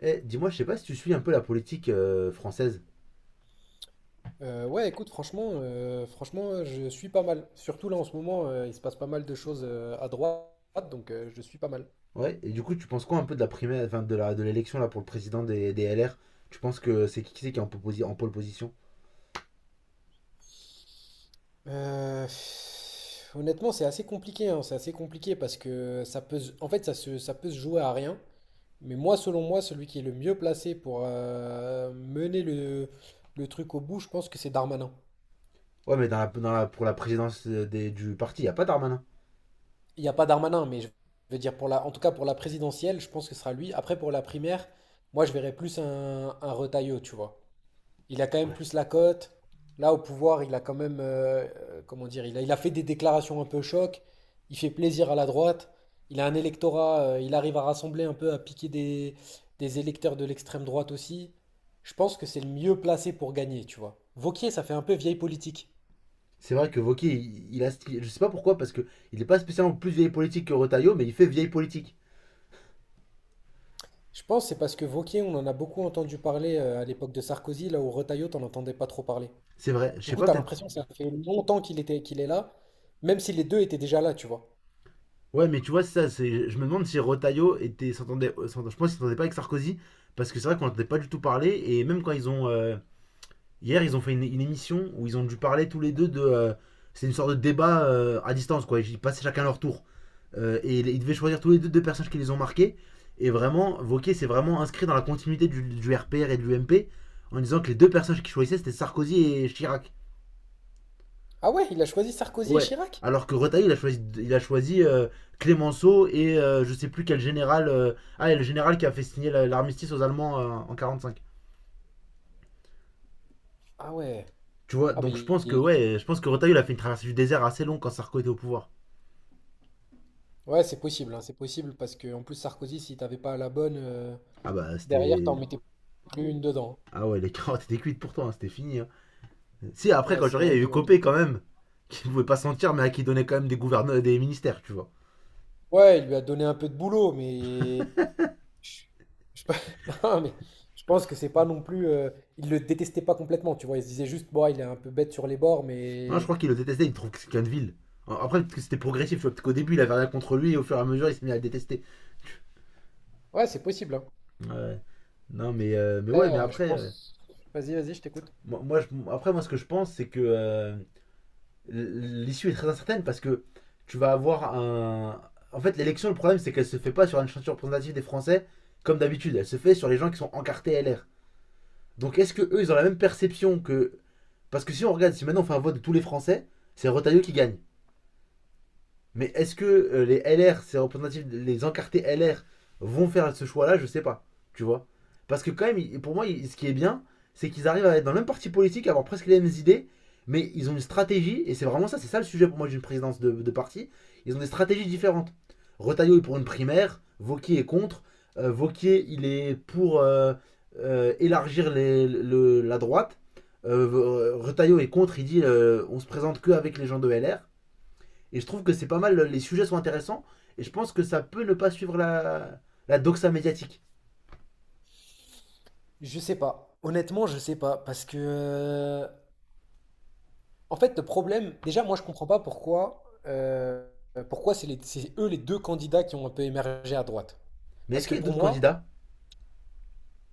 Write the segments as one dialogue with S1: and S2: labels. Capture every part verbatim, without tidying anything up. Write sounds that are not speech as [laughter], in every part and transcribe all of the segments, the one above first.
S1: Eh, dis-moi, je sais pas si tu suis un peu la politique euh, française.
S2: Euh, ouais, écoute, franchement, euh, franchement, euh, je suis pas mal. Surtout là en ce moment, euh, il se passe pas mal de choses euh, à droite, donc euh, je suis pas mal.
S1: Ouais, et du coup, tu penses quoi un peu de la primaire, enfin, de la, de l'élection là pour le président des, des L R? Tu penses que c'est qui, qui c'est qui est en, posi- en pole position?
S2: Euh, pff, honnêtement, c'est assez compliqué, hein, c'est assez compliqué parce que ça peut, se- en fait, ça se, ça peut se jouer à rien. Mais moi, selon moi, celui qui est le mieux placé pour euh, mener le, le truc au bout, je pense que c'est Darmanin.
S1: Ouais, mais dans la, dans la- pour la présidence euh, des- du parti, il a pas Darmanin.
S2: Il n'y a pas Darmanin, mais je veux dire, pour la, en tout cas pour la présidentielle, je pense que ce sera lui. Après, pour la primaire, moi, je verrais plus un, un Retailleau, tu vois. Il a quand même
S1: Ouais.
S2: plus la cote. Là, au pouvoir, il a quand même, euh, euh, comment dire, il a, il a fait des déclarations un peu choc. Il fait plaisir à la droite. Il a un électorat, euh, il arrive à rassembler un peu, à piquer des, des électeurs de l'extrême droite aussi. Je pense que c'est le mieux placé pour gagner, tu vois. Wauquiez, ça fait un peu vieille politique.
S1: C'est vrai que Wauquiez, il, il a, ce qui- je sais pas pourquoi, parce que il est pas spécialement plus vieille politique que Retailleau, mais il fait vieille politique.
S2: Je pense que c'est parce que Wauquiez, on en a beaucoup entendu parler euh, à l'époque de Sarkozy, là où Retailleau, t'en entendais pas trop parler.
S1: C'est vrai, je
S2: Du
S1: sais
S2: coup,
S1: pas,
S2: t'as
S1: peut-être.
S2: l'impression que ça fait longtemps qu'il était, qu'il est là, même si les deux étaient déjà là, tu vois.
S1: Ouais, mais tu vois, c'est ça, c'est, je me demande si Retailleau était, s'entendait, s'entend- je pense qu'il s'entendait pas avec Sarkozy, parce que c'est vrai qu'on n'entendait pas du tout parler, et même quand ils ont. euh, Hier, ils ont fait une, une émission où ils ont dû parler tous les deux de. Euh, c'est une sorte de débat euh, à distance, quoi. Ils passaient chacun leur tour. Euh, et ils devaient choisir tous les deux deux personnages qui les ont marqués. Et vraiment, Vauquier s'est vraiment inscrit dans la continuité du, du R P R et de l'U M P en disant que les deux personnages qu'il choisissait, c'était Sarkozy et Chirac.
S2: Ah ouais, il a choisi Sarkozy et
S1: Ouais.
S2: Chirac?
S1: Alors que Retailleau, il a choisi, il a choisi euh, Clémenceau et euh, je sais plus quel général. Euh, ah, et le général qui a fait signer l'armistice aux Allemands euh, en cinq.
S2: Ah ouais.
S1: Tu vois,
S2: Ah mais
S1: donc je pense que
S2: il-
S1: ouais, je pense que Retailleau il a fait une traversée du désert assez longue quand Sarko était au pouvoir.
S2: ouais, c'est possible, hein, c'est possible parce que en plus Sarkozy, si t'avais pas la bonne euh,
S1: Ah bah
S2: derrière,
S1: c'était.
S2: t'en mettais plus une dedans,
S1: Ah ouais, les [laughs] carottes étaient cuites pour toi, hein, c'était fini. Hein. Si,
S2: hein.
S1: après,
S2: Ouais,
S1: quand je
S2: c'est
S1: il y a
S2: vrai
S1: eu
S2: que
S1: Copé quand même, [laughs] qui ne pouvait pas sentir, mais à qui donnait quand même des gouverneurs, des ministères, tu vois.
S2: ouais, il lui a donné un peu de boulot, mais Je, je pe- [laughs] non, mais je pense que c'est pas non plus. Euh, il le détestait pas complètement, tu vois. Il se disait juste, bon, ah, il est un peu bête sur les bords,
S1: Non, je
S2: mais.
S1: crois qu'il le détestait, il trouve que c'est qu'une ville. Après, peut-être que c'était progressif, tu vois, peut-être qu'au début, il avait rien contre lui, et au fur et à mesure, il s'est mis à le détester.
S2: Ouais, c'est possible, hein.
S1: Ouais. Non, mais, euh, mais ouais,
S2: Après,
S1: mais
S2: euh, je
S1: après, euh,
S2: pense. Vas-y, vas-y, je t'écoute.
S1: moi, moi, je- après, moi, ce que je pense, c'est que euh, l'issue est très incertaine parce que tu vas avoir un. En fait, l'élection, le problème, c'est qu'elle se fait pas sur une chanson représentative des Français comme d'habitude. Elle se fait sur les gens qui sont encartés L R. Donc, est-ce que eux, ils ont la même perception que. Parce que si on regarde, si maintenant on fait un vote de tous les Français, c'est Retailleau qui gagne. Mais est-ce que euh, les L R, ces représentatifs, les encartés L R vont faire ce choix-là. Je sais pas. Tu vois. Parce que quand même, pour moi, ce qui est bien, c'est qu'ils arrivent à être dans le même parti politique, à avoir presque les mêmes idées, mais ils ont une stratégie, et c'est vraiment ça, c'est ça le sujet pour moi d'une présidence de, de parti. Ils ont des stratégies différentes. Retailleau est pour une primaire, Vauquier est contre, euh, Vauquier, il est pour euh, euh, élargir les- le- la droite. Euh, Retailleau est contre, il dit euh, on se présente que avec les gens de L R. Et je trouve que c'est pas mal, les sujets sont intéressants. Et je pense que ça peut ne pas suivre la, la doxa médiatique.
S2: Je sais pas. Honnêtement, je sais pas. Parce que. euh, En fait, le problème. Déjà, moi, je comprends pas pourquoi. Euh, pourquoi c'est les- c'est eux les deux candidats qui ont un peu émergé à droite.
S1: Mais
S2: Parce
S1: est-ce
S2: que
S1: qu'il y a
S2: pour
S1: d'autres
S2: moi,
S1: candidats?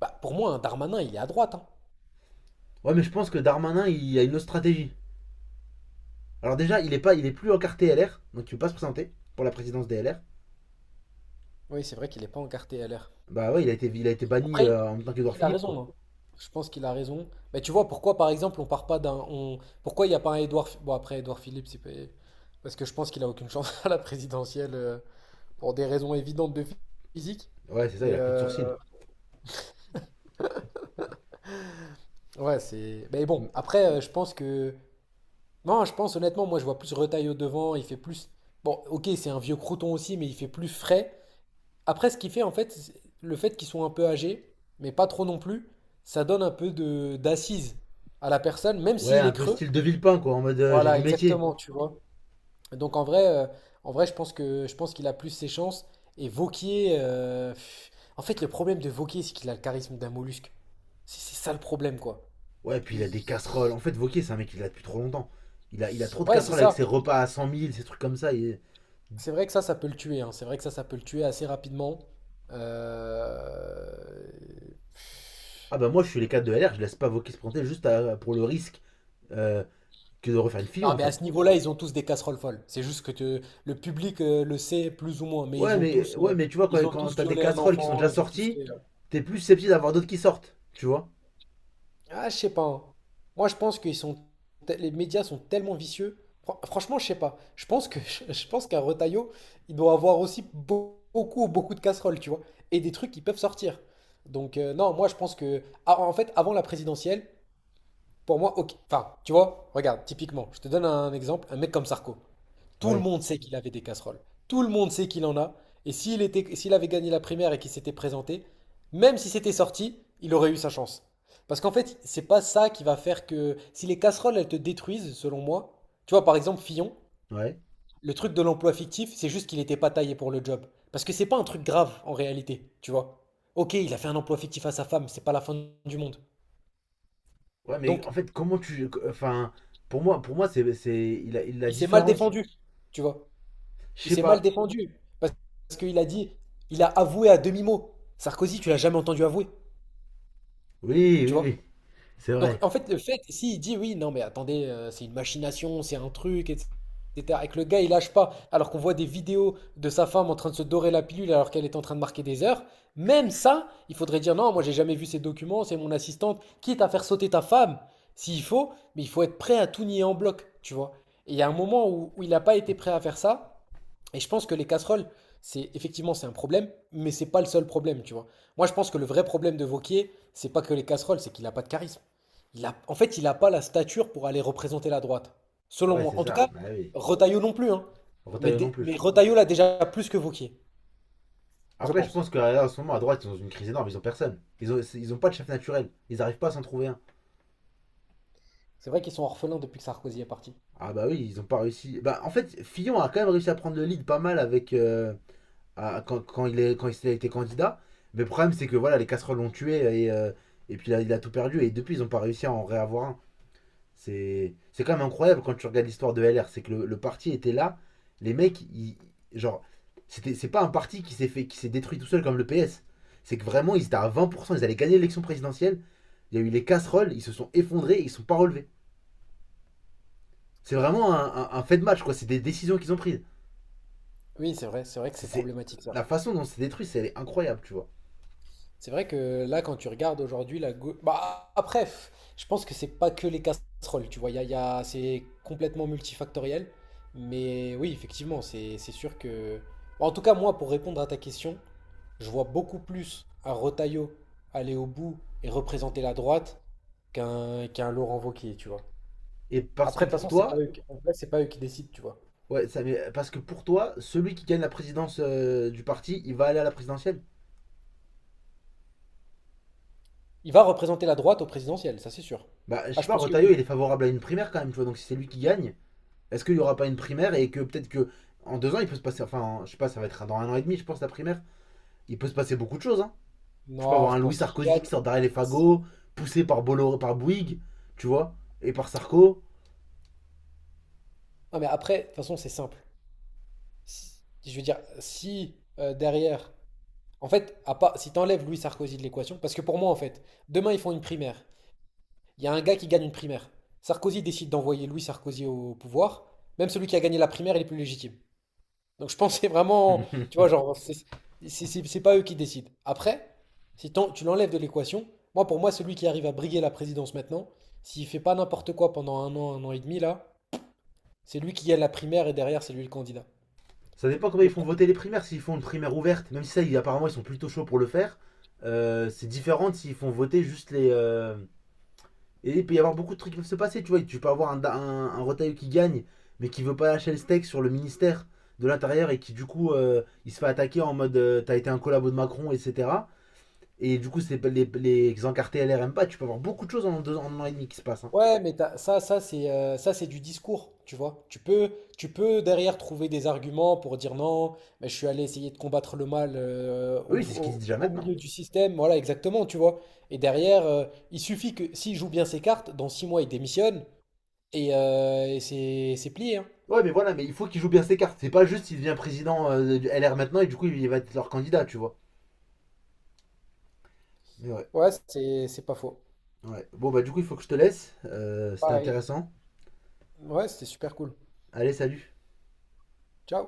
S2: bah, pour moi, un Darmanin, il est à droite, hein.
S1: Ouais, mais je pense que Darmanin, il a une autre stratégie. Alors déjà, il est, pas, il est plus en carte L R, donc il ne peut pas se présenter pour la présidence des L R.
S2: Oui, c'est vrai qu'il n'est pas encarté à l'air.
S1: Bah ouais, il a été, il a été banni
S2: Après,
S1: euh, en même temps qu'Edouard
S2: il a
S1: Philippe, quoi.
S2: raison, hein. Je pense qu'il a raison. Mais tu vois, pourquoi, par exemple, on part pas d'un. on- Pourquoi il n'y a pas un Édouard. Bon, après, Édouard Philippe, c'est pas... parce que je pense qu'il a aucune chance [laughs] à la présidentielle euh, pour des raisons évidentes de phy- physique.
S1: Ouais, c'est ça, il
S2: Mais
S1: a plus de sourcils.
S2: euh, ouais, c'est. Mais bon, après, euh, je pense que. Non, je pense honnêtement, moi, je vois plus Retailleau devant. Il fait plus. Bon, ok, c'est un vieux crouton aussi, mais il fait plus frais. Après, ce qui fait en fait, c'est- le fait qu'ils soient un peu âgés, mais pas trop non plus, ça donne un peu de d'assise à la personne, même
S1: Ouais,
S2: s'il
S1: un
S2: est
S1: peu
S2: creux.
S1: style de Villepin, quoi, en mode euh, j'ai
S2: Voilà,
S1: du métier.
S2: exactement, tu vois. Donc en vrai, euh, en vrai, je pense que je pense qu'il a plus ses chances. Et Vauquier, euh, pff, en fait, le problème de Vauquier, c'est qu'il a le charisme d'un mollusque. C'est c'est ça le problème, quoi.
S1: Ouais, puis il a
S2: Il-
S1: des casseroles. En fait, Vauquier, c'est un mec qui l'a depuis trop longtemps. Il a, il a trop de
S2: Ouais, c'est
S1: casseroles avec
S2: ça.
S1: ses repas à cent mille, ces trucs comme ça. Il.
S2: C'est vrai que ça, ça peut le tuer, hein. C'est vrai que ça, ça peut le tuer assez rapidement. Euh,
S1: Ah bah moi je suis les quatre de L R, je laisse pas Vokis se présenter juste à- pour le risque euh, que de refaire une Fillon
S2: Non,
S1: en
S2: mais à ce
S1: fait.
S2: niveau-là, ils ont tous des casseroles folles. C'est juste que te- le public euh, le sait plus ou moins, mais
S1: Ouais
S2: ils ont
S1: mais
S2: tous, euh,
S1: ouais mais tu vois quand,
S2: ils ont
S1: quand
S2: tous
S1: t'as des
S2: violé un
S1: casseroles qui sont
S2: enfant,
S1: déjà
S2: ils ont tous
S1: sorties,
S2: fait. euh,
S1: t'es plus susceptible d'avoir d'autres qui sortent, tu vois.
S2: Ah, je sais pas, hein. Moi, je pense qu'ils sont, te- les médias sont tellement vicieux. Fran- Franchement, je sais pas. Je pense que, [laughs] je pense qu'un Retailleau, il doit avoir aussi beau- beaucoup, beaucoup de casseroles, tu vois, et des trucs qui peuvent sortir. Donc euh, non, moi, je pense que, ah, en fait, avant la présidentielle, pour moi, ok. Enfin, tu vois, regarde, typiquement, je te donne un exemple, un mec comme Sarko. Tout le
S1: Ouais,
S2: monde sait qu'il avait des casseroles. Tout le monde sait qu'il en a. Et s'il était, s'il avait gagné la primaire et qu'il s'était présenté, même si c'était sorti, il aurait eu sa chance. Parce qu'en fait, c'est pas ça qui va faire que si les casseroles elles te détruisent, selon moi. Tu vois, par exemple, Fillon,
S1: ouais.
S2: le truc de l'emploi fictif, c'est juste qu'il n'était pas taillé pour le job. Parce que c'est pas un truc grave en réalité, tu vois. Ok, il a fait un emploi fictif à sa femme, c'est pas la fin du monde.
S1: Ouais mais
S2: Donc,
S1: en fait comment tu. Enfin pour moi pour moi c'est... c'est il a, il a
S2: il s'est mal
S1: différence.
S2: défendu, tu vois.
S1: Je
S2: Il
S1: sais
S2: s'est mal
S1: pas.
S2: défendu parce parce qu'il a dit, il a avoué à demi-mot. Sarkozy, tu l'as jamais entendu avouer,
S1: Oui
S2: tu
S1: oui
S2: vois?
S1: oui. C'est
S2: Donc,
S1: vrai.
S2: en fait, le fait, s'il dit oui, non, mais attendez, euh, c'est une machination, c'est un truc, et cætera, et que le gars, il lâche pas, alors qu'on voit des vidéos de sa femme en train de se dorer la pilule alors qu'elle est en train de marquer des heures, même ça, il faudrait dire non, moi, j'ai jamais vu ces documents, c'est mon assistante, quitte à faire sauter ta femme, s'il faut, mais il faut être prêt à tout nier en bloc, tu vois. Et il y a un moment où, où il n'a pas été prêt à faire ça, et je pense que les casseroles, c'est effectivement c'est un problème, mais c'est pas le seul problème, tu vois. Moi, je pense que le vrai problème de Wauquiez, c'est pas que les casseroles, c'est qu'il a pas de charisme. Il a- en fait, il n'a pas la stature pour aller représenter la droite, selon
S1: Ouais
S2: moi.
S1: c'est
S2: En tout
S1: ça.
S2: cas,
S1: Bah oui.
S2: Retailleau non plus, hein. Mais,
S1: Retailleux non
S2: dé-
S1: plus je
S2: mais
S1: pense.
S2: Retailleau l'a déjà plus que Wauquiez, je
S1: Après je
S2: pense.
S1: pense que là, en ce moment à droite ils sont dans une crise énorme, ils ont personne. Ils ont, ils ont pas de chef naturel. Ils arrivent pas à s'en trouver un.
S2: C'est vrai qu'ils sont orphelins depuis que Sarkozy est parti.
S1: Ah bah oui, ils ont pas réussi. Bah en fait, Fillon a quand même réussi à prendre le lead pas mal avec euh, à- quand, quand il est quand il était candidat. Mais le problème c'est que voilà, les casseroles l'ont tué et, euh, et puis là, il a tout perdu et depuis ils ont pas réussi à en réavoir un. C'est c'est quand même incroyable quand tu regardes l'histoire de L R, c'est que le, le parti était là, les mecs ils genre c'était c'est pas un parti qui s'est fait qui s'est détruit tout seul comme le P S. C'est que vraiment ils étaient à vingt pour cent, ils allaient gagner l'élection présidentielle, il y a eu les casseroles, ils se sont effondrés, et ils sont pas relevés. C'est vraiment un, un- un fait de match quoi, c'est des décisions qu'ils ont prises.
S2: Oui, c'est vrai, c'est vrai que c'est
S1: C'est
S2: problématique ça.
S1: la façon dont c'est détruit, c'est elle est incroyable, tu vois.
S2: C'est vrai que là, quand tu regardes aujourd'hui la gau- Bah, après, pff, je pense que c'est pas que les casseroles, tu vois. Y a, y a- C'est complètement multifactoriel. Mais oui, effectivement, c'est c'est sûr que. En tout cas, moi, pour répondre à ta question, je vois beaucoup plus un Retailleau aller au bout et représenter la droite qu'un qu'un Laurent Wauquiez, tu vois.
S1: Et parce que
S2: Après, de toute
S1: pour
S2: façon, c'est pas
S1: toi.
S2: eux qui... en vrai, c'est pas eux qui décident, tu vois.
S1: Ouais, ça. Mais parce que pour toi, celui qui gagne la présidence euh, du parti, il va aller à la présidentielle.
S2: Il va représenter la droite au présidentiel, ça c'est sûr.
S1: Bah, je
S2: Ah,
S1: sais
S2: je
S1: pas,
S2: pense que
S1: Retailleau,
S2: oui.
S1: il est favorable à une primaire quand même, tu vois. Donc si c'est lui qui gagne, est-ce qu'il y aura pas une primaire et que peut-être que en deux ans, il peut se passer, enfin, en- je sais pas, ça va être dans un an et demi, je pense, la primaire. Il peut se passer beaucoup de choses, hein. Tu peux
S2: Non,
S1: avoir
S2: je
S1: un Louis
S2: pense qu'il
S1: Sarkozy qui
S2: gagne.
S1: sort derrière les fagots, poussé par Bolloré, par Bouygues, tu vois, et par Sarko.
S2: Ah, mais après, de toute façon, c'est simple. Si- je veux dire, si euh, derrière, en fait, à pas, si t'enlèves Louis Sarkozy de l'équation, parce que pour moi, en fait, demain ils font une primaire, il y a un gars qui gagne une primaire, Sarkozy décide d'envoyer Louis Sarkozy au pouvoir, même celui qui a gagné la primaire, il est plus légitime. Donc je [laughs] pense que c'est vraiment, tu vois,
S1: [laughs]
S2: genre, c'est c'est- c'est- c'est pas eux qui décident. Après, si t'en- tu l'enlèves de l'équation, moi, pour moi, celui qui arrive à briguer la présidence maintenant, s'il fait pas n'importe quoi pendant un an, un an et demi, là, c'est lui qui gagne la primaire et derrière, c'est lui le candidat.
S1: Ça dépend comment ils
S2: Le
S1: font voter les primaires. S'ils font une primaire ouverte, même si ça, ils- apparemment, ils sont plutôt chauds pour le faire, euh, c'est différent s'ils font voter juste les. euh, Et il peut y avoir beaucoup de trucs qui peuvent se passer, tu vois. Tu peux avoir un, da- un, un Retailleau qui gagne, mais qui veut pas lâcher le steak sur le ministère de l'Intérieur et qui, du coup, euh, il se fait attaquer en mode euh, t'as été un collabo de Macron, et cetera. Et du coup, c'est les, les encartés L R aiment pas. Tu peux avoir beaucoup de choses en deux ans, en an et demi qui se passent. Hein.
S2: ouais, mais t'as- ça, ça c'est euh, ça c'est du discours, tu vois. Tu peux, tu peux derrière trouver des arguments pour dire non, mais je suis allé essayer de combattre le mal euh, au,
S1: Oui, c'est ce qu'ils disent
S2: au-
S1: déjà
S2: au
S1: maintenant.
S2: milieu du système, voilà, exactement, tu vois. Et derrière, euh, il suffit que s'il joue bien ses cartes, dans six mois, il démissionne et, euh, et c'est c'est plié, hein.
S1: Ouais, mais voilà, mais il faut qu'il joue bien ses cartes. C'est pas juste s'il devient président euh, du L R maintenant et du coup, il va être leur candidat, tu vois. Mais ouais,
S2: Ouais, c'est c'est pas faux.
S1: ouais. Bon, bah, du coup, il faut que je te laisse. Euh, C'était
S2: Pareil.
S1: intéressant.
S2: Ouais, c'était super cool.
S1: Allez, salut.
S2: Ciao.